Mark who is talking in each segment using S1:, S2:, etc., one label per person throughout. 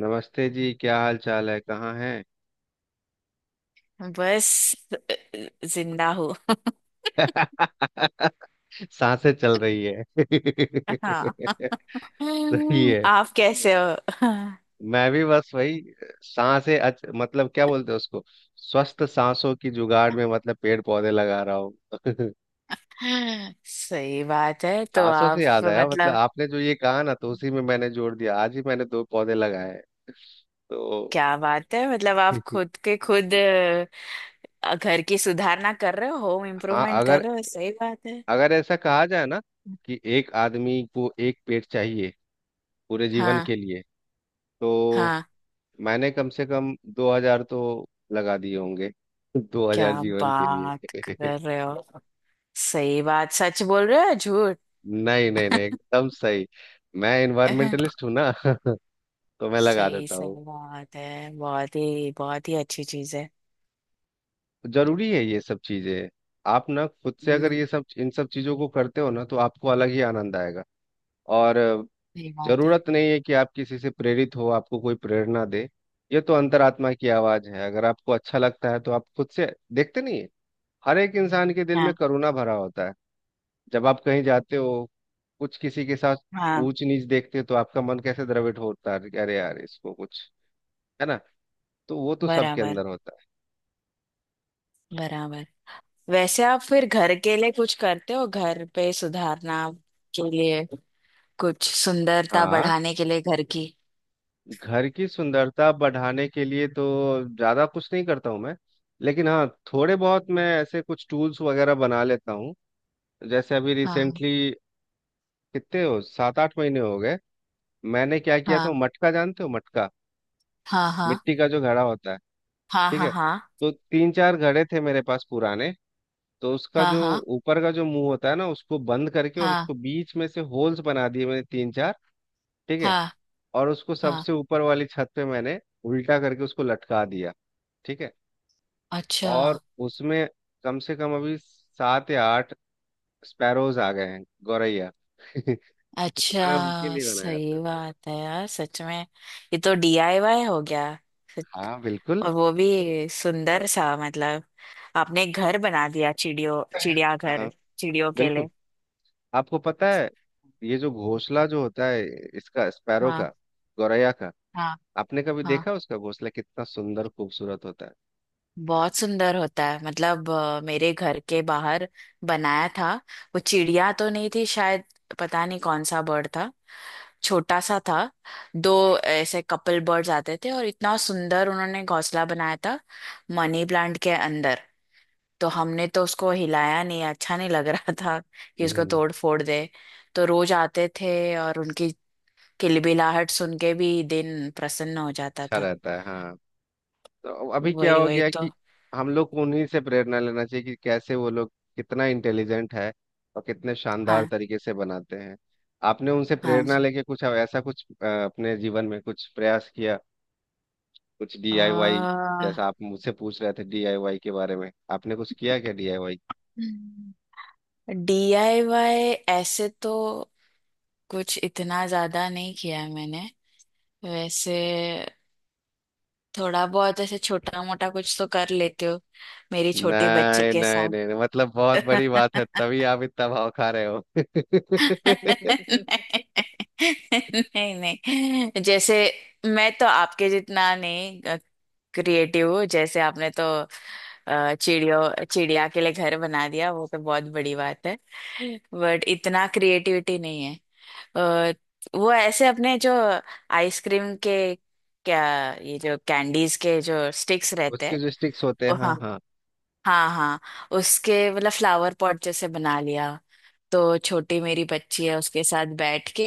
S1: नमस्ते जी। क्या हाल चाल है? कहाँ हैं?
S2: बस, जिंदा हूँ।
S1: सांसें चल रही है।
S2: हाँ।
S1: सही है।
S2: आप कैसे हो?
S1: मैं भी बस वही। सांसें मतलब क्या बोलते हैं उसको, स्वस्थ सांसों की जुगाड़ में, मतलब पेड़ पौधे लगा रहा हूँ।
S2: सही बात है। तो
S1: सांसों से
S2: आप
S1: याद आया, मतलब
S2: मतलब
S1: आपने जो ये कहा ना, तो उसी में मैंने जोड़ दिया। आज ही मैंने दो पौधे लगाए हैं तो।
S2: क्या बात है? मतलब आप खुद के खुद घर की सुधारना कर रहे हो, होम
S1: हाँ,
S2: इम्प्रूवमेंट
S1: अगर
S2: कर रहे हो। सही बात है।
S1: अगर ऐसा कहा जाए ना, कि एक आदमी को एक पेड़ चाहिए पूरे जीवन
S2: हाँ,
S1: के लिए, तो
S2: हाँ।
S1: मैंने कम से कम 2,000 तो लगा दिए होंगे। दो
S2: क्या
S1: हजार जीवन के
S2: बात
S1: लिए।
S2: कर रहे हो? सही बात? सच बोल रहे हो या झूठ?
S1: नहीं, नहीं, नहीं, एकदम सही। मैं इन्वायरमेंटलिस्ट हूँ ना। तो मैं लगा
S2: सही,
S1: देता हूँ।
S2: सही बात है। बहुत ही, बहुत ही अच्छी चीज है।
S1: जरूरी है ये सब चीजें। आप ना खुद से अगर
S2: हम्म।
S1: ये सब, इन सब चीजों को करते हो ना, तो आपको अलग ही आनंद आएगा। और
S2: सही बात है।
S1: जरूरत नहीं है कि आप किसी से प्रेरित हो, आपको कोई प्रेरणा दे। ये तो अंतरात्मा की आवाज है। अगर आपको अच्छा लगता है तो आप खुद से, देखते नहीं है? हर एक इंसान के दिल में
S2: हाँ,
S1: करुणा भरा होता है। जब आप कहीं जाते हो, कुछ किसी के साथ
S2: हाँ।
S1: ऊंच नीच देखते हो, तो आपका मन कैसे द्रवित होता है कि अरे यार इसको कुछ, है ना? तो वो तो सबके
S2: बराबर,
S1: अंदर होता है।
S2: बराबर। वैसे आप फिर घर के लिए कुछ करते हो? घर पे सुधारना के लिए, कुछ सुंदरता
S1: हाँ,
S2: बढ़ाने के लिए घर की?
S1: घर की सुंदरता बढ़ाने के लिए तो ज्यादा कुछ नहीं करता हूँ मैं। लेकिन हाँ, थोड़े बहुत मैं ऐसे कुछ टूल्स वगैरह बना लेता हूँ। जैसे अभी
S2: हाँ,
S1: रिसेंटली, कितने हो, सात आठ महीने हो गए। मैंने क्या किया
S2: हाँ,
S1: था? मटका जानते हो? मटका,
S2: हाँ, हाँ,
S1: मिट्टी का जो घड़ा होता है,
S2: हाँ,
S1: ठीक है।
S2: हाँ,
S1: तो तीन चार घड़े थे मेरे पास पुराने। तो उसका
S2: हाँ,
S1: जो
S2: हाँ, हाँ,
S1: ऊपर का जो मुंह होता है ना, उसको बंद करके, और
S2: हाँ,
S1: उसको बीच में से होल्स बना दिए मैंने, तीन चार। ठीक है।
S2: हाँ,
S1: और उसको
S2: हाँ।
S1: सबसे ऊपर वाली छत पे मैंने उल्टा करके उसको लटका दिया। ठीक है।
S2: अच्छा।
S1: और उसमें कम से कम अभी सात या आठ स्पैरोज आ गए हैं, गौरैया। तो मैंने उनके
S2: अच्छा,
S1: लिए बनाया
S2: सही
S1: था।
S2: बात है यार, सच में। ये तो डीआईवाई हो गया। सच-
S1: हाँ, बिल्कुल।
S2: और वो भी सुंदर सा, मतलब आपने एक घर बना दिया, चिड़ियों चिड़ियाघर।
S1: हाँ,
S2: चिड़ियों के
S1: बिल्कुल।
S2: लिए।
S1: आपको पता है, ये जो घोंसला जो होता है इसका, स्पैरो का,
S2: हाँ,
S1: गौरैया का,
S2: हाँ।
S1: आपने कभी
S2: हाँ,
S1: देखा उसका घोंसला कितना सुंदर खूबसूरत होता है?
S2: बहुत सुंदर होता है। मतलब मेरे घर के बाहर बनाया था। वो चिड़िया तो नहीं थी शायद, पता नहीं कौन सा बर्ड था, छोटा सा था। दो ऐसे कपल बर्ड्स आते थे और इतना सुंदर उन्होंने घोंसला बनाया था, मनी प्लांट के अंदर। तो हमने तो उसको हिलाया नहीं, अच्छा नहीं लग रहा था कि उसको
S1: हम्म।
S2: तोड़ फोड़ दे। तो रोज आते थे, और उनकी किलबिलाहट सुन के भी दिन प्रसन्न हो जाता
S1: अच्छा
S2: था।
S1: रहता है। हाँ। तो अभी क्या
S2: वही,
S1: हो
S2: वही
S1: गया
S2: तो।
S1: कि हम लोग को उन्हीं से प्रेरणा लेना चाहिए, कि कैसे वो लोग कितना इंटेलिजेंट है, और कितने शानदार
S2: हाँ,
S1: तरीके से बनाते हैं। आपने उनसे
S2: हाँ
S1: प्रेरणा
S2: जी।
S1: लेके कुछ ऐसा, कुछ अपने जीवन में कुछ प्रयास किया? कुछ डीआईवाई? जैसा
S2: आ,
S1: आप मुझसे पूछ रहे थे डीआईवाई के बारे में, आपने कुछ किया क्या डीआईवाई?
S2: डीआईवाई ऐसे तो कुछ इतना ज्यादा नहीं किया है मैंने, वैसे। थोड़ा बहुत ऐसे छोटा मोटा कुछ तो कर लेते हो, मेरी छोटी बच्ची
S1: नहीं,
S2: के
S1: नहीं,
S2: साथ।
S1: नहीं, नहीं, मतलब बहुत बड़ी बात है तभी आप इतना भाव खा रहे हो।
S2: नहीं, नहीं, नहीं, जैसे मैं तो आपके जितना नहीं क्रिएटिव। जैसे आपने तो चिड़ियों चिड़िया के लिए घर बना दिया, वो तो बहुत बड़ी बात है। बट इतना क्रिएटिविटी नहीं है। अ, वो ऐसे अपने जो आइसक्रीम के, क्या, ये जो कैंडीज के जो स्टिक्स रहते
S1: उसके
S2: हैं,
S1: जो स्टिक्स होते हैं,
S2: हाँ,
S1: हाँ, हाँ।
S2: हाँ, हाँ, उसके मतलब फ्लावर पॉट जैसे बना लिया। तो छोटी मेरी बच्ची है, उसके साथ बैठ के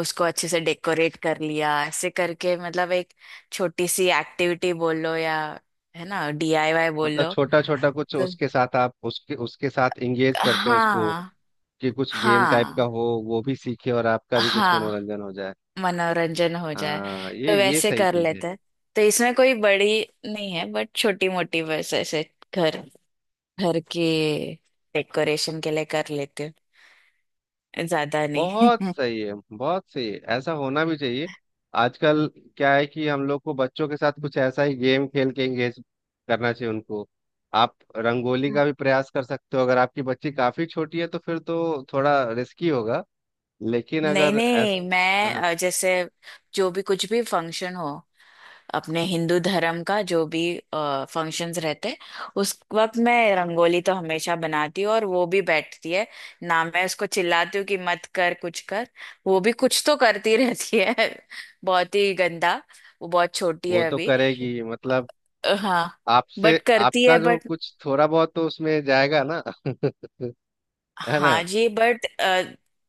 S2: उसको अच्छे से डेकोरेट कर लिया, ऐसे करके। मतलब एक छोटी सी एक्टिविटी बोल लो, या है ना, डीआईवाई बोल
S1: मतलब
S2: लो।
S1: छोटा छोटा कुछ
S2: तो
S1: उसके साथ, आप उसके उसके साथ इंगेज करते हैं उसको,
S2: हाँ,
S1: कि कुछ गेम टाइप का
S2: हाँ,
S1: हो, वो भी सीखे और आपका भी कुछ
S2: हाँ,
S1: मनोरंजन हो जाए।
S2: मनोरंजन हो जाए।
S1: हाँ,
S2: तो
S1: ये
S2: वैसे
S1: सही
S2: कर
S1: चीज है।
S2: लेते हैं। तो इसमें कोई बड़ी नहीं है, बट छोटी मोटी बस ऐसे घर, घर के डेकोरेशन के लिए कर लेती हूँ। ज्यादा नहीं।
S1: बहुत सही है, बहुत सही है, ऐसा होना भी चाहिए। आजकल क्या है कि हम लोग को बच्चों के साथ कुछ ऐसा ही गेम खेल के इंगेज करना चाहिए उनको। आप रंगोली का भी प्रयास कर सकते हो। अगर आपकी बच्ची काफी छोटी है तो फिर तो थोड़ा रिस्की होगा, लेकिन
S2: नहीं,
S1: अगर ऐस।
S2: नहीं, मैं
S1: हाँ,
S2: जैसे जो भी कुछ भी फंक्शन हो, अपने हिंदू धर्म का जो भी फंक्शंस रहते, उस वक्त मैं रंगोली तो हमेशा बनाती हूँ। और वो भी बैठती है ना, मैं उसको चिल्लाती हूँ कि मत कर, कुछ कर। वो भी कुछ तो करती रहती है। बहुत ही गंदा। वो बहुत छोटी
S1: वो
S2: है
S1: तो
S2: अभी।
S1: करेगी मतलब,
S2: हाँ,
S1: आपसे।
S2: बट करती
S1: आपका
S2: है,
S1: जो
S2: बट
S1: कुछ थोड़ा बहुत तो उसमें जाएगा ना। है ना?
S2: हाँ जी, बट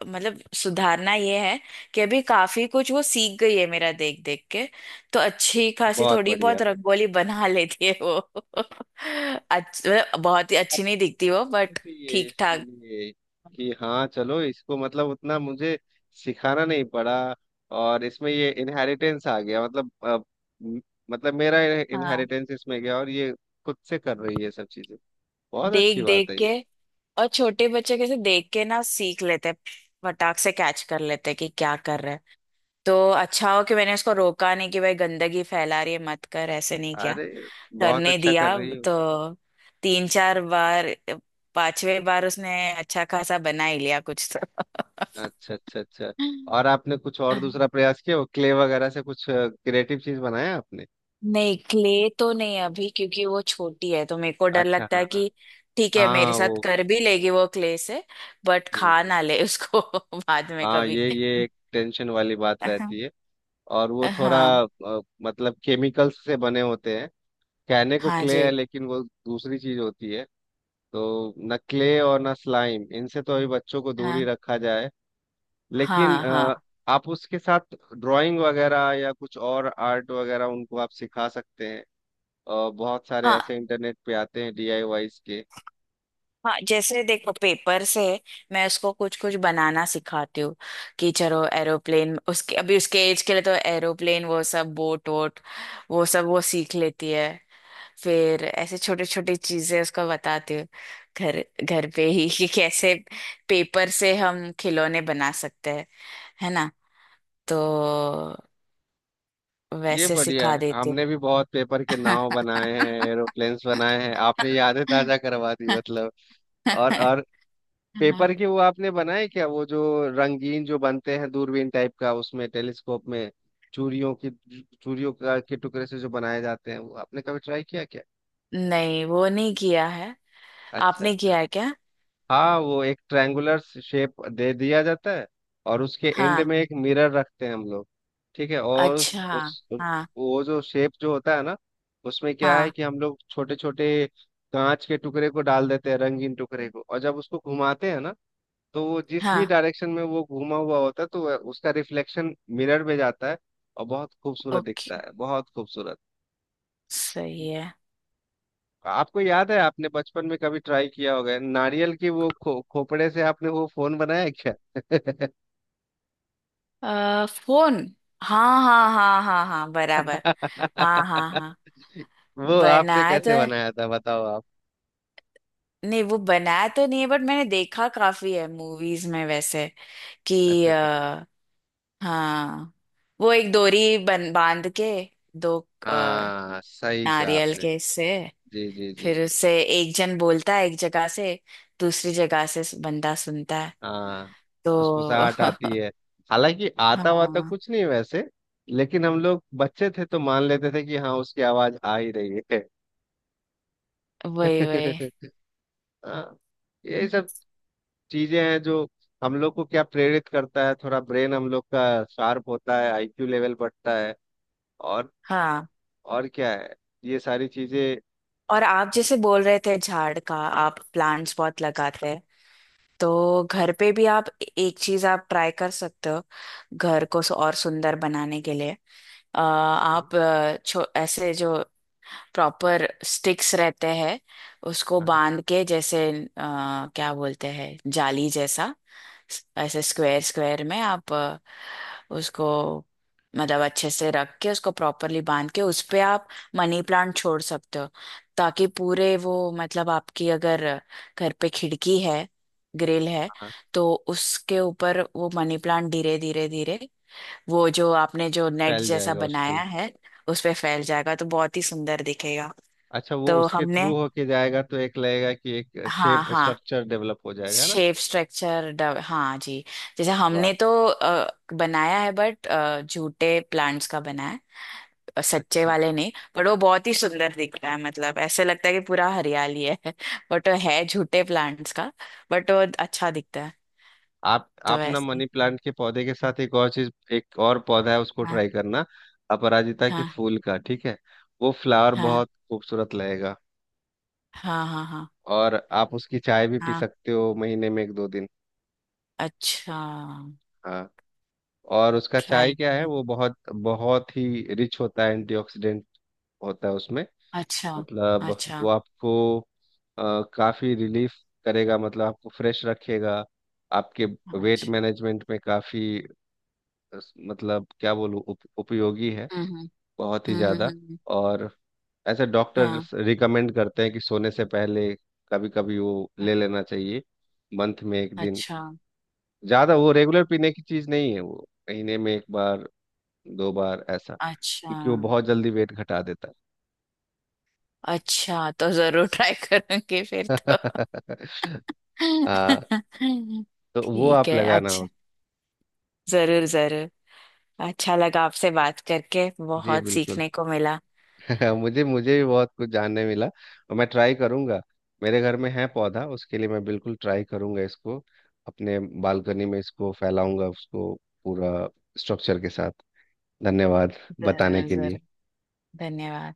S2: मतलब सुधारना ये है कि अभी काफी कुछ वो सीख गई है मेरा देख देख के। तो अच्छी खासी
S1: बहुत
S2: थोड़ी
S1: बढ़िया।
S2: बहुत रंगोली बना लेती है वो। मतलब बहुत ही अच्छी
S1: आपको
S2: नहीं
S1: तो
S2: दिखती
S1: खुश
S2: वो,
S1: होना
S2: बट
S1: चाहिए
S2: ठीक
S1: इसके
S2: ठाक।
S1: लिए, कि हाँ चलो इसको मतलब उतना मुझे सिखाना नहीं पड़ा। और इसमें ये इनहेरिटेंस आ गया मतलब म- मतलब मेरा
S2: हाँ,
S1: इनहेरिटेंस इसमें गया और ये खुद से कर रही है सब चीजें। बहुत अच्छी
S2: देख
S1: बात
S2: देख
S1: है
S2: के।
S1: ये।
S2: और छोटे बच्चे कैसे देख के ना सीख लेते हैं, फटाक से कैच कर लेते हैं कि क्या कर रहे हैं। तो अच्छा हो कि मैंने उसको रोका नहीं कि भाई गंदगी फैला रही है, मत कर। ऐसे नहीं किया,
S1: अरे, बहुत
S2: करने
S1: अच्छा कर
S2: दिया।
S1: रही हो।
S2: तो तीन चार बार, पांचवें बार उसने अच्छा खासा बना ही लिया कुछ तो।
S1: अच्छा, अच्छा, अच्छा। और आपने कुछ और दूसरा प्रयास किया, वो क्ले वगैरह से कुछ क्रिएटिव चीज बनाया आपने?
S2: नहीं, क्ले तो नहीं अभी, क्योंकि वो छोटी है तो मेरे को डर
S1: अच्छा।
S2: लगता
S1: हाँ,
S2: है
S1: हाँ।
S2: कि ठीक है,
S1: हाँ,
S2: मेरे
S1: हाँ,
S2: साथ
S1: वो।
S2: कर भी लेगी वो क्ले से, बट
S1: जी,
S2: खा
S1: जी।
S2: ना ले उसको बाद में
S1: हाँ,
S2: कभी।
S1: ये एक टेंशन वाली बात
S2: हाँ,
S1: रहती है। और वो थोड़ा
S2: हाँ,
S1: मतलब केमिकल्स से बने होते हैं। कहने को
S2: हाँ
S1: क्ले है,
S2: जी।
S1: लेकिन वो दूसरी चीज होती है। तो न क्ले और न स्लाइम, इनसे तो अभी बच्चों को दूर ही
S2: हाँ,
S1: रखा जाए। लेकिन
S2: हाँ, हाँ,
S1: आप उसके साथ ड्राइंग वगैरह या कुछ और आर्ट वगैरह उनको आप सिखा सकते हैं। बहुत सारे ऐसे
S2: हाँ,
S1: इंटरनेट पे आते हैं डीआईवाईस के।
S2: हाँ, जैसे देखो, पेपर से मैं उसको कुछ कुछ बनाना सिखाती हूँ कि चलो एरोप्लेन, उसके अभी उसके एज के लिए तो एरोप्लेन वो सब, बोट वोट वो सब वो सीख लेती है। फिर ऐसे छोटी छोटी चीजें उसको बताती हूँ, घर, घर पे ही कि कैसे पेपर से हम खिलौने बना सकते हैं, है ना। तो
S1: ये
S2: वैसे
S1: बढ़िया
S2: सिखा
S1: है।
S2: देती
S1: हमने
S2: हूँ।
S1: भी बहुत पेपर के नाव बनाए हैं। एरोप्लेन्स बनाए हैं, आपने यादें ताजा करवा दी मतलब। और पेपर के वो आपने बनाए क्या, वो जो रंगीन जो बनते हैं, दूरबीन टाइप का, उसमें टेलीस्कोप में, चूड़ियों की, चूड़ियों का के टुकड़े से जो बनाए जाते हैं, वो आपने कभी ट्राई किया क्या?
S2: नहीं, वो नहीं किया है।
S1: अच्छा,
S2: आपने
S1: अच्छा।
S2: किया है क्या? हाँ?
S1: हाँ, वो एक ट्रायंगुलर शेप दे दिया जाता है। और उसके एंड
S2: हाँ,
S1: में एक मिरर रखते हैं हम लोग, ठीक है। और
S2: अच्छा।
S1: उस
S2: हाँ,
S1: वो जो शेप जो होता है ना, उसमें क्या है
S2: हाँ,
S1: कि हम लोग छोटे छोटे कांच के टुकड़े को डाल देते हैं, रंगीन टुकड़े को, और जब उसको घुमाते हैं ना, तो वो जिस भी
S2: हाँ।
S1: डायरेक्शन में वो घुमा हुआ होता है, तो उसका रिफ्लेक्शन मिरर में जाता है। और बहुत खूबसूरत
S2: ओके,
S1: दिखता है, बहुत खूबसूरत।
S2: सही है।
S1: आपको याद है? आपने बचपन में कभी ट्राई किया होगा, नारियल की वो खोपड़े से आपने वो फोन बनाया है क्या?
S2: फोन? हाँ, हाँ, हाँ, हाँ, हाँ, बराबर। हाँ, हाँ, हाँ।
S1: वो आपने
S2: बनाया तो
S1: कैसे बनाया था बताओ आप?
S2: नहीं वो बनाया तो नहीं है, बट मैंने देखा काफी है मूवीज में वैसे। कि
S1: अच्छा, अच्छा।
S2: हाँ, वो एक डोरी बन बांध के, दो अ,
S1: हाँ, सही कहा
S2: नारियल
S1: आपने।
S2: के से,
S1: जी, जी, जी।
S2: फिर उससे एक जन बोलता है एक जगह से, दूसरी जगह से बंदा सुनता है
S1: हाँ,
S2: तो।
S1: फुसफुसाहट आती है, हालांकि आता वाता
S2: हाँ,
S1: कुछ नहीं वैसे। लेकिन हम लोग बच्चे थे तो मान लेते थे कि हाँ, उसकी आवाज आ ही रही है।
S2: वही, वही।
S1: हाँ, यही सब चीजें हैं जो हम लोग को क्या प्रेरित करता है। थोड़ा ब्रेन हम लोग का शार्प होता है, आईक्यू लेवल बढ़ता है, और
S2: हाँ,
S1: और क्या है, ये सारी चीजें।
S2: और आप
S1: हम।
S2: जैसे बोल रहे थे झाड़ का, आप प्लांट्स बहुत लगाते हैं, तो घर पे भी आप एक चीज आप ट्राई कर सकते हो घर को और सुंदर बनाने के लिए। आप छो ऐसे जो प्रॉपर स्टिक्स रहते हैं, उसको
S1: हाँ, हाँ,
S2: बांध के, जैसे क्या बोलते हैं, जाली जैसा, ऐसे स्क्वायर स्क्वायर में आप उसको मतलब अच्छे से रख के, उसको प्रॉपरली बांध के, उस पे आप मनी प्लांट छोड़ सकते हो, ताकि पूरे वो, मतलब आपकी अगर घर पे खिड़की है, ग्रिल है,
S1: हाँ,
S2: तो उसके ऊपर वो मनी प्लांट धीरे धीरे धीरे वो जो आपने जो नेट
S1: फैल
S2: जैसा
S1: जाएगा उस पे।
S2: बनाया है उस पे फैल जाएगा तो बहुत ही सुंदर दिखेगा।
S1: अच्छा, वो
S2: तो
S1: उसके
S2: हमने
S1: थ्रू होके जाएगा तो एक लगेगा कि एक
S2: हाँ,
S1: शेप
S2: हाँ,
S1: स्ट्रक्चर डेवलप हो जाएगा ना?
S2: शेप स्ट्रक्चर, हाँ जी। जैसे
S1: वाह।
S2: हमने तो बनाया है, बट झूठे प्लांट्स का बनाया है। सच्चे
S1: अच्छा।
S2: वाले नहीं, पर वो बहुत ही सुंदर दिख रहा है, मतलब ऐसे लगता है कि पूरा हरियाली है। बट वो है झूठे प्लांट्स का, बट वो अच्छा दिखता है।
S1: आप
S2: तो
S1: आप ना
S2: वैसे
S1: मनी प्लांट के पौधे के साथ एक और चीज, एक और पौधा है उसको
S2: हाँ,
S1: ट्राई करना। अपराजिता के
S2: हाँ,
S1: फूल का, ठीक है। वो फ्लावर
S2: हाँ,
S1: बहुत खूबसूरत लगेगा।
S2: हाँ, हाँ, हाँ,
S1: और आप उसकी चाय भी पी
S2: हाँ,
S1: सकते हो महीने में एक दो दिन।
S2: अच्छा,
S1: हाँ, और उसका चाय
S2: ट्राई,
S1: क्या है, वो बहुत बहुत ही रिच होता है, एंटीऑक्सीडेंट होता है उसमें।
S2: अच्छा,
S1: मतलब वो
S2: अच्छा,
S1: आपको काफी रिलीफ करेगा, मतलब आपको फ्रेश रखेगा। आपके वेट
S2: अच्छा।
S1: मैनेजमेंट में काफी अ, मतलब क्या बोलूँ, उपयोगी है,
S2: हम्म, हम्म,
S1: बहुत ही
S2: हम्म, हम्म,
S1: ज्यादा। और ऐसे
S2: हाँ,
S1: डॉक्टर्स रिकमेंड करते हैं कि सोने से पहले कभी कभी वो
S2: हाँ,
S1: ले लेना चाहिए, मंथ में एक दिन।
S2: अच्छा,
S1: ज्यादा वो रेगुलर पीने की चीज नहीं है, वो महीने में एक बार, दो बार ऐसा,
S2: अच्छा,
S1: क्योंकि वो बहुत जल्दी वेट घटा देता
S2: अच्छा, तो जरूर ट्राई करूंगी फिर
S1: है।
S2: तो।
S1: हाँ, तो वो
S2: ठीक
S1: आप
S2: है,
S1: लगाना हो।
S2: अच्छा, जरूर, जरूर। अच्छा लगा आपसे बात करके,
S1: जी
S2: बहुत
S1: बिल्कुल।
S2: सीखने को मिला।
S1: मुझे मुझे भी बहुत कुछ जानने मिला, और मैं ट्राई करूंगा। मेरे घर में है पौधा, उसके लिए मैं बिल्कुल ट्राई करूंगा इसको। अपने बालकनी में इसको फैलाऊंगा उसको, पूरा स्ट्रक्चर के साथ। धन्यवाद बताने
S2: जरूर,
S1: के लिए।
S2: जरूर। धन्यवाद।